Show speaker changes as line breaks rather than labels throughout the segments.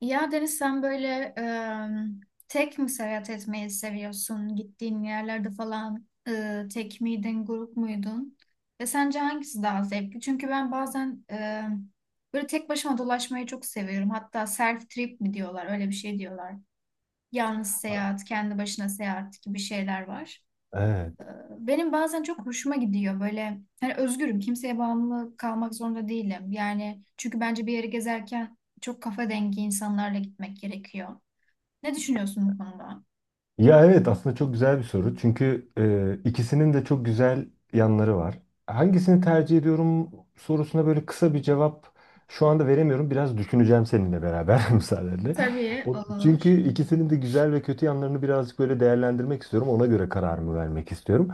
Ya Deniz sen böyle tek mi seyahat etmeyi seviyorsun? Gittiğin yerlerde falan tek miydin, grup muydun? Ve sence hangisi daha zevkli? Çünkü ben bazen böyle tek başıma dolaşmayı çok seviyorum. Hatta self trip mi diyorlar, öyle bir şey diyorlar. Yalnız seyahat, kendi başına seyahat gibi şeyler var.
Evet.
Benim bazen çok hoşuma gidiyor, böyle hani özgürüm, kimseye bağımlı kalmak zorunda değilim. Yani çünkü bence bir yere gezerken çok kafa dengi insanlarla gitmek gerekiyor. Ne düşünüyorsun bu konuda?
Ya evet aslında çok güzel bir soru. Çünkü ikisinin de çok güzel yanları var. Hangisini tercih ediyorum sorusuna böyle kısa bir cevap şu anda veremiyorum. Biraz düşüneceğim seninle beraber müsaadenle.
Tabii,
O,
olur.
çünkü ikisinin de güzel ve kötü yanlarını birazcık böyle değerlendirmek istiyorum. Ona göre kararımı vermek istiyorum.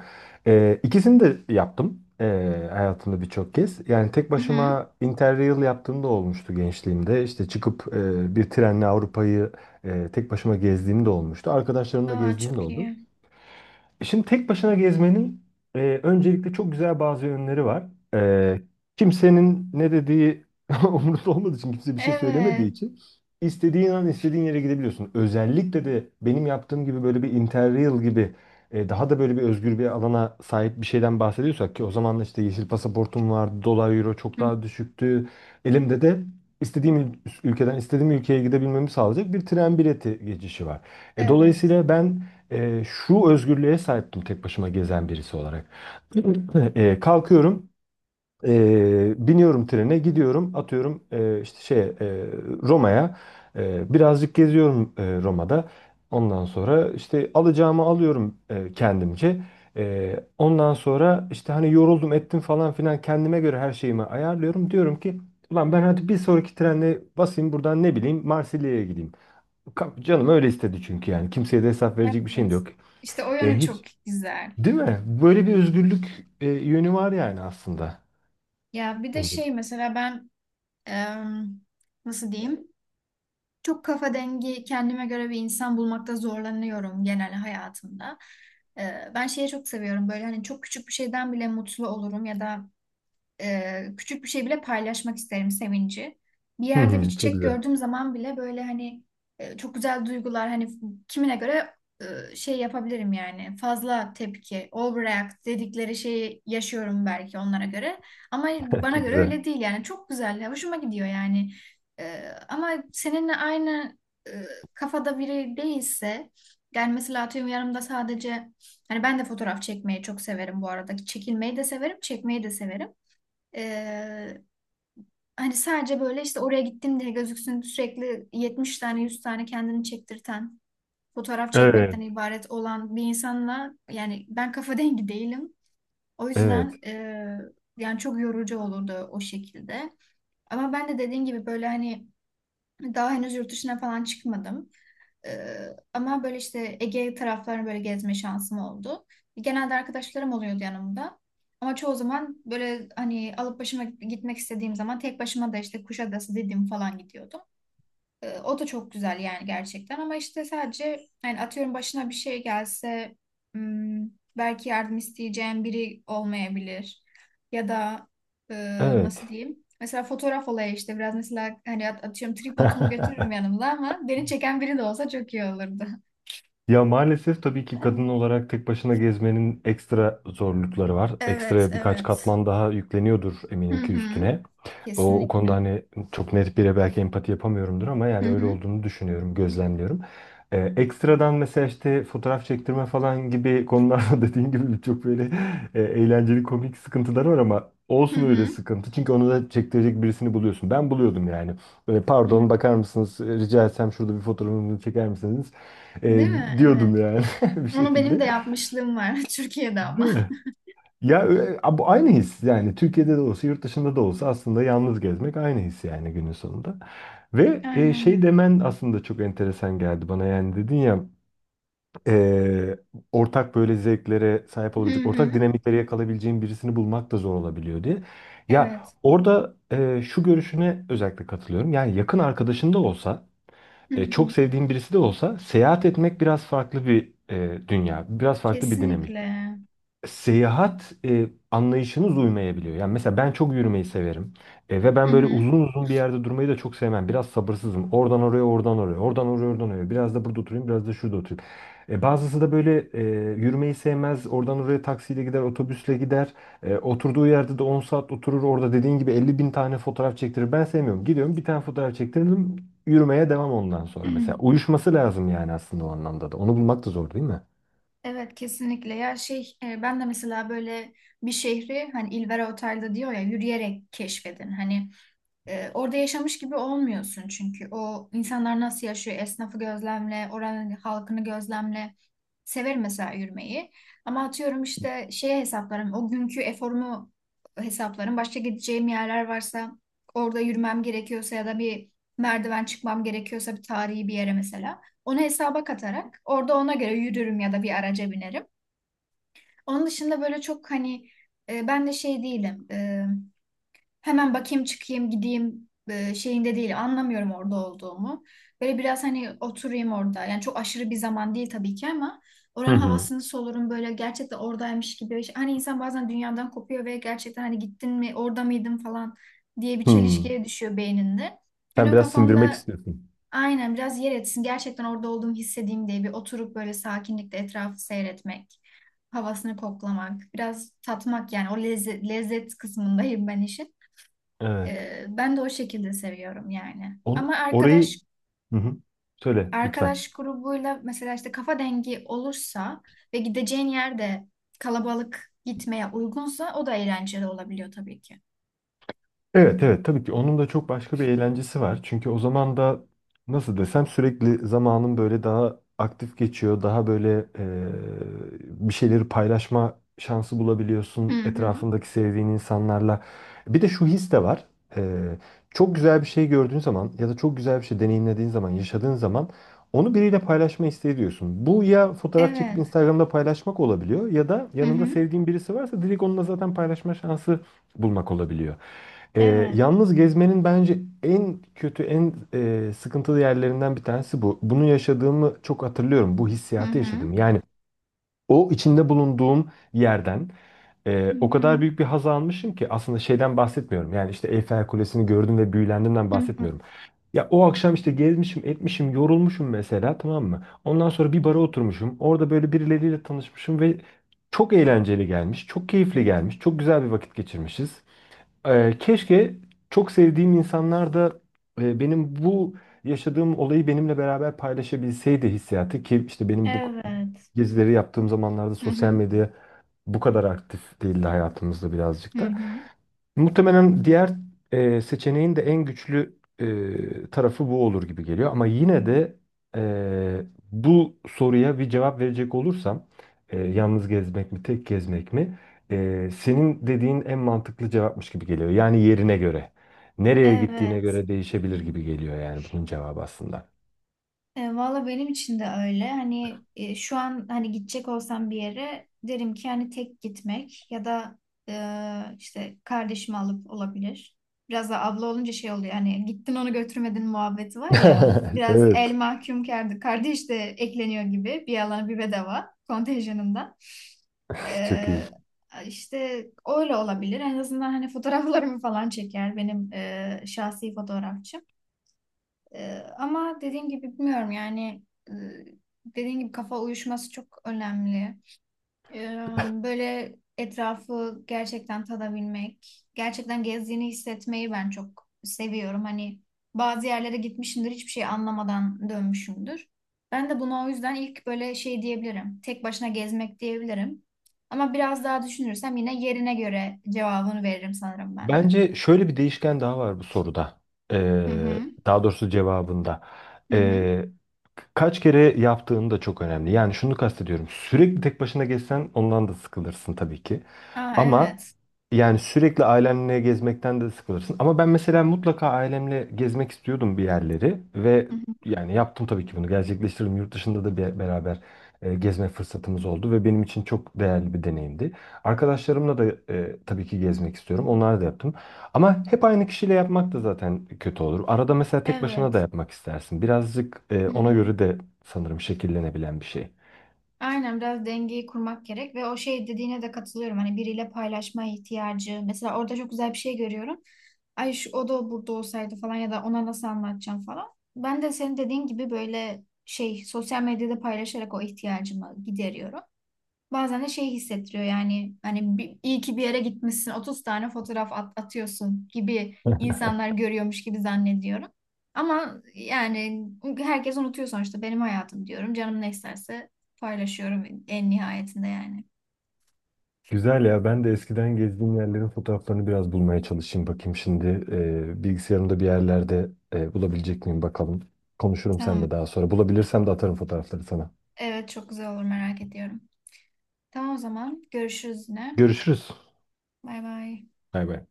İkisini de yaptım hayatımda birçok kez. Yani tek
Hı hı.
başıma Interrail yaptığım da olmuştu gençliğimde. İşte çıkıp bir trenle Avrupa'yı tek başıma gezdiğim de olmuştu. Arkadaşlarımla
Aa,
gezdiğim de
çok
oldu.
iyi.
Şimdi tek başına gezmenin öncelikle çok güzel bazı yönleri var. E, Kimsenin ne dediği umurunda olmadığı için, kimse bir şey
Evet,
söylemediği için istediğin an istediğin yere gidebiliyorsun. Özellikle de benim yaptığım gibi böyle bir Interrail gibi daha da böyle bir özgür bir alana sahip bir şeyden bahsediyorsak ki o zaman da işte yeşil pasaportum vardı, dolar euro çok
hı hı,
daha düşüktü. Elimde de istediğim ülkeden istediğim ülkeye gidebilmemi sağlayacak bir tren bileti geçişi var.
evet,
Dolayısıyla ben şu özgürlüğe sahiptim tek başıma gezen birisi olarak. Kalkıyorum, biniyorum trene, gidiyorum, atıyorum işte şeye Roma'ya. Birazcık geziyorum Roma'da. Ondan sonra işte alacağımı alıyorum kendimce. Ondan sonra işte hani yoruldum ettim falan filan kendime göre her şeyimi ayarlıyorum. Diyorum ki ulan ben hadi bir sonraki trenle basayım buradan ne bileyim Marsilya'ya gideyim. Canım öyle istedi çünkü yani. Kimseye de hesap verecek bir şeyim de
evet.
yok.
İşte o yönü
E
çok
hiç
güzel.
değil mi? Böyle bir özgürlük yönü var yani aslında.
Ya bir de
Önce.
şey mesela ben em, nasıl diyeyim? Çok kafa dengi kendime göre bir insan bulmakta zorlanıyorum genel hayatımda. Ben şeyi çok seviyorum, böyle hani çok küçük bir şeyden bile mutlu olurum ya da küçük bir şey bile paylaşmak isterim sevinci. Bir
Hı
yerde bir
hı, çok
çiçek
güzel.
gördüğüm zaman bile böyle hani çok güzel duygular, hani kimine göre şey yapabilirim yani, fazla tepki, overreact dedikleri şeyi yaşıyorum belki onlara göre, ama bana
Çok
göre
güzel.
öyle değil yani, çok güzel hoşuma gidiyor yani. Ama seninle aynı e, kafada biri değilse, yani mesela atıyorum yanımda sadece, hani ben de fotoğraf çekmeyi çok severim bu arada, çekilmeyi de severim, çekmeyi de severim, ee, hani sadece böyle işte oraya gittim diye gözüksün sürekli 70 tane, 100 tane kendini çektirten fotoğraf
Evet.
çekmekten ibaret olan bir insanla yani ben kafa dengi değilim. O
Evet.
yüzden yani çok yorucu olurdu o şekilde. Ama ben de dediğin gibi böyle hani daha henüz yurt dışına falan çıkmadım. Ee, Ama böyle işte Ege taraflarını böyle gezme şansım oldu. Genelde arkadaşlarım oluyordu yanımda. Ama çoğu zaman böyle hani alıp başıma gitmek istediğim zaman tek başıma da işte Kuşadası, Didim falan gidiyordum. O da çok güzel yani gerçekten, ama işte sadece yani atıyorum, başına bir şey gelse, hmm, belki yardım isteyeceğin biri olmayabilir. Ya da e, nasıl
Evet.
diyeyim? Mesela fotoğraf olayı işte biraz, mesela hani atıyorum tripodumu götürürüm yanımda, ama beni çeken biri de olsa çok iyi olurdu.
Ya maalesef tabii ki kadın olarak tek başına gezmenin ekstra zorlukları var.
Evet,
Ekstra birkaç
evet.
katman daha yükleniyordur
Hı
eminim ki
hı.
üstüne. O konuda
Kesinlikle.
hani çok net bire belki empati yapamıyorumdur ama
Hı
yani öyle
hı.
olduğunu düşünüyorum, gözlemliyorum. Ekstradan mesela işte fotoğraf çektirme falan gibi konularda dediğin gibi birçok böyle eğlenceli komik sıkıntılar var ama
Hı
olsun öyle
hı.
sıkıntı. Çünkü onu da çektirecek birisini buluyorsun. Ben buluyordum yani. Böyle,
Hı.
pardon bakar mısınız rica etsem şurada bir fotoğrafımı çeker misiniz? E,
Değil mi? Evet.
Diyordum yani bir
Onu benim
şekilde.
de yapmışlığım var Türkiye'de
Değil
ama.
mi? Ya bu aynı his yani Türkiye'de de olsa yurt dışında da olsa aslında yalnız gezmek aynı his yani günün sonunda. Ve şey
Aynen.
demen aslında çok enteresan geldi bana yani dedin ya e, ortak böyle zevklere sahip
Hı
olabilecek, ortak
hı.
dinamikleri yakalayabileceğin birisini bulmak da zor olabiliyor diye. Ya
Evet.
orada şu görüşüne özellikle katılıyorum yani yakın arkadaşın da olsa
Hı
çok
hı,
sevdiğin birisi de olsa seyahat etmek biraz farklı bir dünya, biraz farklı bir dinamik.
kesinlikle.
Seyahat anlayışınız uymayabiliyor. Yani mesela ben çok yürümeyi severim. Ve
Hı
ben böyle
hı.
uzun uzun bir yerde durmayı da çok sevmem. Biraz sabırsızım. Oradan oraya, oradan oraya, oradan oraya, oradan oraya. Biraz da burada oturayım, biraz da şurada oturayım. Bazısı da böyle yürümeyi sevmez. Oradan oraya taksiyle gider, otobüsle gider. Oturduğu yerde de 10 saat oturur. Orada dediğin gibi 50.000 tane fotoğraf çektirir. Ben sevmiyorum. Gidiyorum bir tane fotoğraf çektirdim. Yürümeye devam ondan sonra. Mesela uyuşması lazım yani aslında o anlamda da. Onu bulmak da zor değil mi?
Evet, kesinlikle. Ya şey, ben de mesela böyle bir şehri hani İlvera Otel'de diyor ya, yürüyerek keşfedin. Hani orada yaşamış gibi olmuyorsun çünkü. O insanlar nasıl yaşıyor? Esnafı gözlemle, oranın halkını gözlemle. Severim mesela yürümeyi. Ama atıyorum işte şeye hesaplarım. O günkü eforumu hesaplarım. Başka gideceğim yerler varsa, orada yürümem gerekiyorsa ya da bir merdiven çıkmam gerekiyorsa bir tarihi bir yere mesela. Onu hesaba katarak orada ona göre yürürüm ya da bir araca binerim. Onun dışında böyle çok hani ben de şey değilim. Hemen bakayım çıkayım gideyim şeyinde değil, anlamıyorum orada olduğumu. Böyle biraz hani oturayım orada, yani çok aşırı bir zaman değil tabii ki, ama
Hı
oranın
hı.
havasını solurum böyle gerçekten oradaymış gibi. Hani insan bazen dünyadan kopuyor ve gerçekten hani gittin mi, orada mıydın falan diye bir
Hı.
çelişkiye düşüyor beyninde. Yani
Sen
o
biraz sindirmek
kafamda
istiyorsun.
aynen biraz yer etsin, gerçekten orada olduğumu hissedeyim diye, bir oturup böyle sakinlikle etrafı seyretmek, havasını koklamak, biraz tatmak, yani o lezzet, lezzet kısmındayım ben işin.
Evet.
Ben de o şekilde seviyorum yani. Ama
Orayı
arkadaş
Hı hı. söyle lütfen.
arkadaş grubuyla mesela işte kafa dengi olursa ve gideceğin yerde kalabalık gitmeye uygunsa, o da eğlenceli olabiliyor tabii ki.
Evet, evet, tabii ki onun da çok başka bir eğlencesi var. Çünkü o zaman da nasıl desem sürekli zamanın böyle daha aktif geçiyor. Daha böyle bir şeyleri paylaşma şansı
Hı
bulabiliyorsun
hı.
etrafındaki sevdiğin insanlarla. Bir de şu his de var. E, Çok güzel bir şey gördüğün zaman ya da çok güzel bir şey deneyimlediğin zaman, yaşadığın zaman onu biriyle paylaşma isteği diyorsun. Bu ya fotoğraf çekip
Evet.
Instagram'da paylaşmak olabiliyor ya da
Hı
yanında
hı.
sevdiğin birisi varsa direkt onunla zaten paylaşma şansı bulmak olabiliyor.
Evet.
Yalnız gezmenin bence en kötü, en sıkıntılı yerlerinden bir tanesi bu. Bunu yaşadığımı çok hatırlıyorum. Bu
Hı
hissiyatı
hı.
yaşadım. Yani o içinde bulunduğum yerden
Hı
o kadar
hı.
büyük bir haz almışım ki aslında şeyden bahsetmiyorum. Yani işte Eyfel Kulesi'ni gördüm ve büyülendiğimden
Hı hı.
bahsetmiyorum. Ya o akşam işte gezmişim, etmişim, yorulmuşum mesela, tamam mı? Ondan sonra bir bara oturmuşum. Orada böyle birileriyle tanışmışım ve çok eğlenceli gelmiş, çok keyifli gelmiş, çok güzel bir vakit geçirmişiz. Keşke çok sevdiğim insanlar da benim bu yaşadığım olayı benimle beraber paylaşabilseydi hissiyatı ki işte benim bu
Evet.
gezileri yaptığım zamanlarda
Hı
sosyal
hı.
medya bu kadar aktif değildi hayatımızda
Hı
birazcık da.
hı.
Muhtemelen diğer seçeneğin de en güçlü tarafı bu olur gibi geliyor. Ama yine de e, bu soruya bir cevap verecek olursam yalnız gezmek mi tek gezmek mi? Senin dediğin en mantıklı cevapmış gibi geliyor. Yani yerine göre. Nereye gittiğine
Evet.
göre değişebilir gibi geliyor yani bunun cevabı aslında.
E, valla benim için de öyle. Hani şu an hani gidecek olsam bir yere, derim ki hani tek gitmek ya da işte kardeşimi alıp olabilir. Biraz da abla olunca şey oluyor, hani gittin onu götürmedin muhabbeti var ya. Biraz el
Evet.
mahkum kardeş de ekleniyor gibi, bir yalan bir bedava kontenjanından.
Çok iyi.
E, işte öyle olabilir. En azından hani fotoğraflarımı falan çeker benim şahsi fotoğrafçım. Ama dediğim gibi bilmiyorum yani, e, dediğim gibi kafa uyuşması çok önemli. Ee, Böyle etrafı gerçekten tadabilmek, gerçekten gezdiğini hissetmeyi ben çok seviyorum. Hani bazı yerlere gitmişimdir, hiçbir şey anlamadan dönmüşümdür. Ben de buna o yüzden ilk böyle şey diyebilirim. Tek başına gezmek diyebilirim. Ama biraz daha düşünürsem yine yerine göre cevabını veririm sanırım ben de.
Bence şöyle bir değişken daha var bu soruda.
Hı hı.
Daha doğrusu cevabında.
Hı hı.
Ee, Kaç kere yaptığın da çok önemli. Yani şunu kastediyorum. Sürekli tek başına gezsen ondan da sıkılırsın tabii ki.
Aa,
Ama
evet.
yani sürekli ailenle gezmekten de sıkılırsın. Ama ben mesela mutlaka ailemle gezmek istiyordum bir yerleri ve
Hı hı.
yani yaptım tabii ki, bunu gerçekleştirdim. Yurt dışında da bir beraber gezme fırsatımız oldu ve benim için çok değerli bir deneyimdi. Arkadaşlarımla da tabii ki gezmek istiyorum. Onları da yaptım. Ama hep aynı kişiyle yapmak da zaten kötü olur. Arada mesela tek başına da
Evet.
yapmak istersin. Birazcık
Hı
ona
hı.
göre de sanırım şekillenebilen bir şey.
Aynen, biraz dengeyi kurmak gerek, ve o şey dediğine de katılıyorum. Hani biriyle paylaşma ihtiyacı. Mesela orada çok güzel bir şey görüyorum. Ay, şu o da burada olsaydı falan, ya da ona nasıl anlatacağım falan. Ben de senin dediğin gibi böyle şey, sosyal medyada paylaşarak o ihtiyacımı gideriyorum. Bazen de şey hissettiriyor yani, hani bir, iyi ki bir yere gitmişsin 30 tane fotoğraf atıyorsun gibi, insanlar görüyormuş gibi zannediyorum. Ama yani herkes unutuyor sonuçta, benim hayatım diyorum. Canım ne isterse paylaşıyorum en nihayetinde yani.
Güzel ya. Ben de eskiden gezdiğim yerlerin fotoğraflarını biraz bulmaya çalışayım. Bakayım şimdi bilgisayarımda bir yerlerde bulabilecek miyim bakalım. Konuşurum
Tamam.
seninle daha sonra. Bulabilirsem de atarım fotoğrafları sana.
Evet, çok güzel olur, merak ediyorum. Tamam, o zaman görüşürüz yine.
Görüşürüz.
Bay bay.
Bay bay.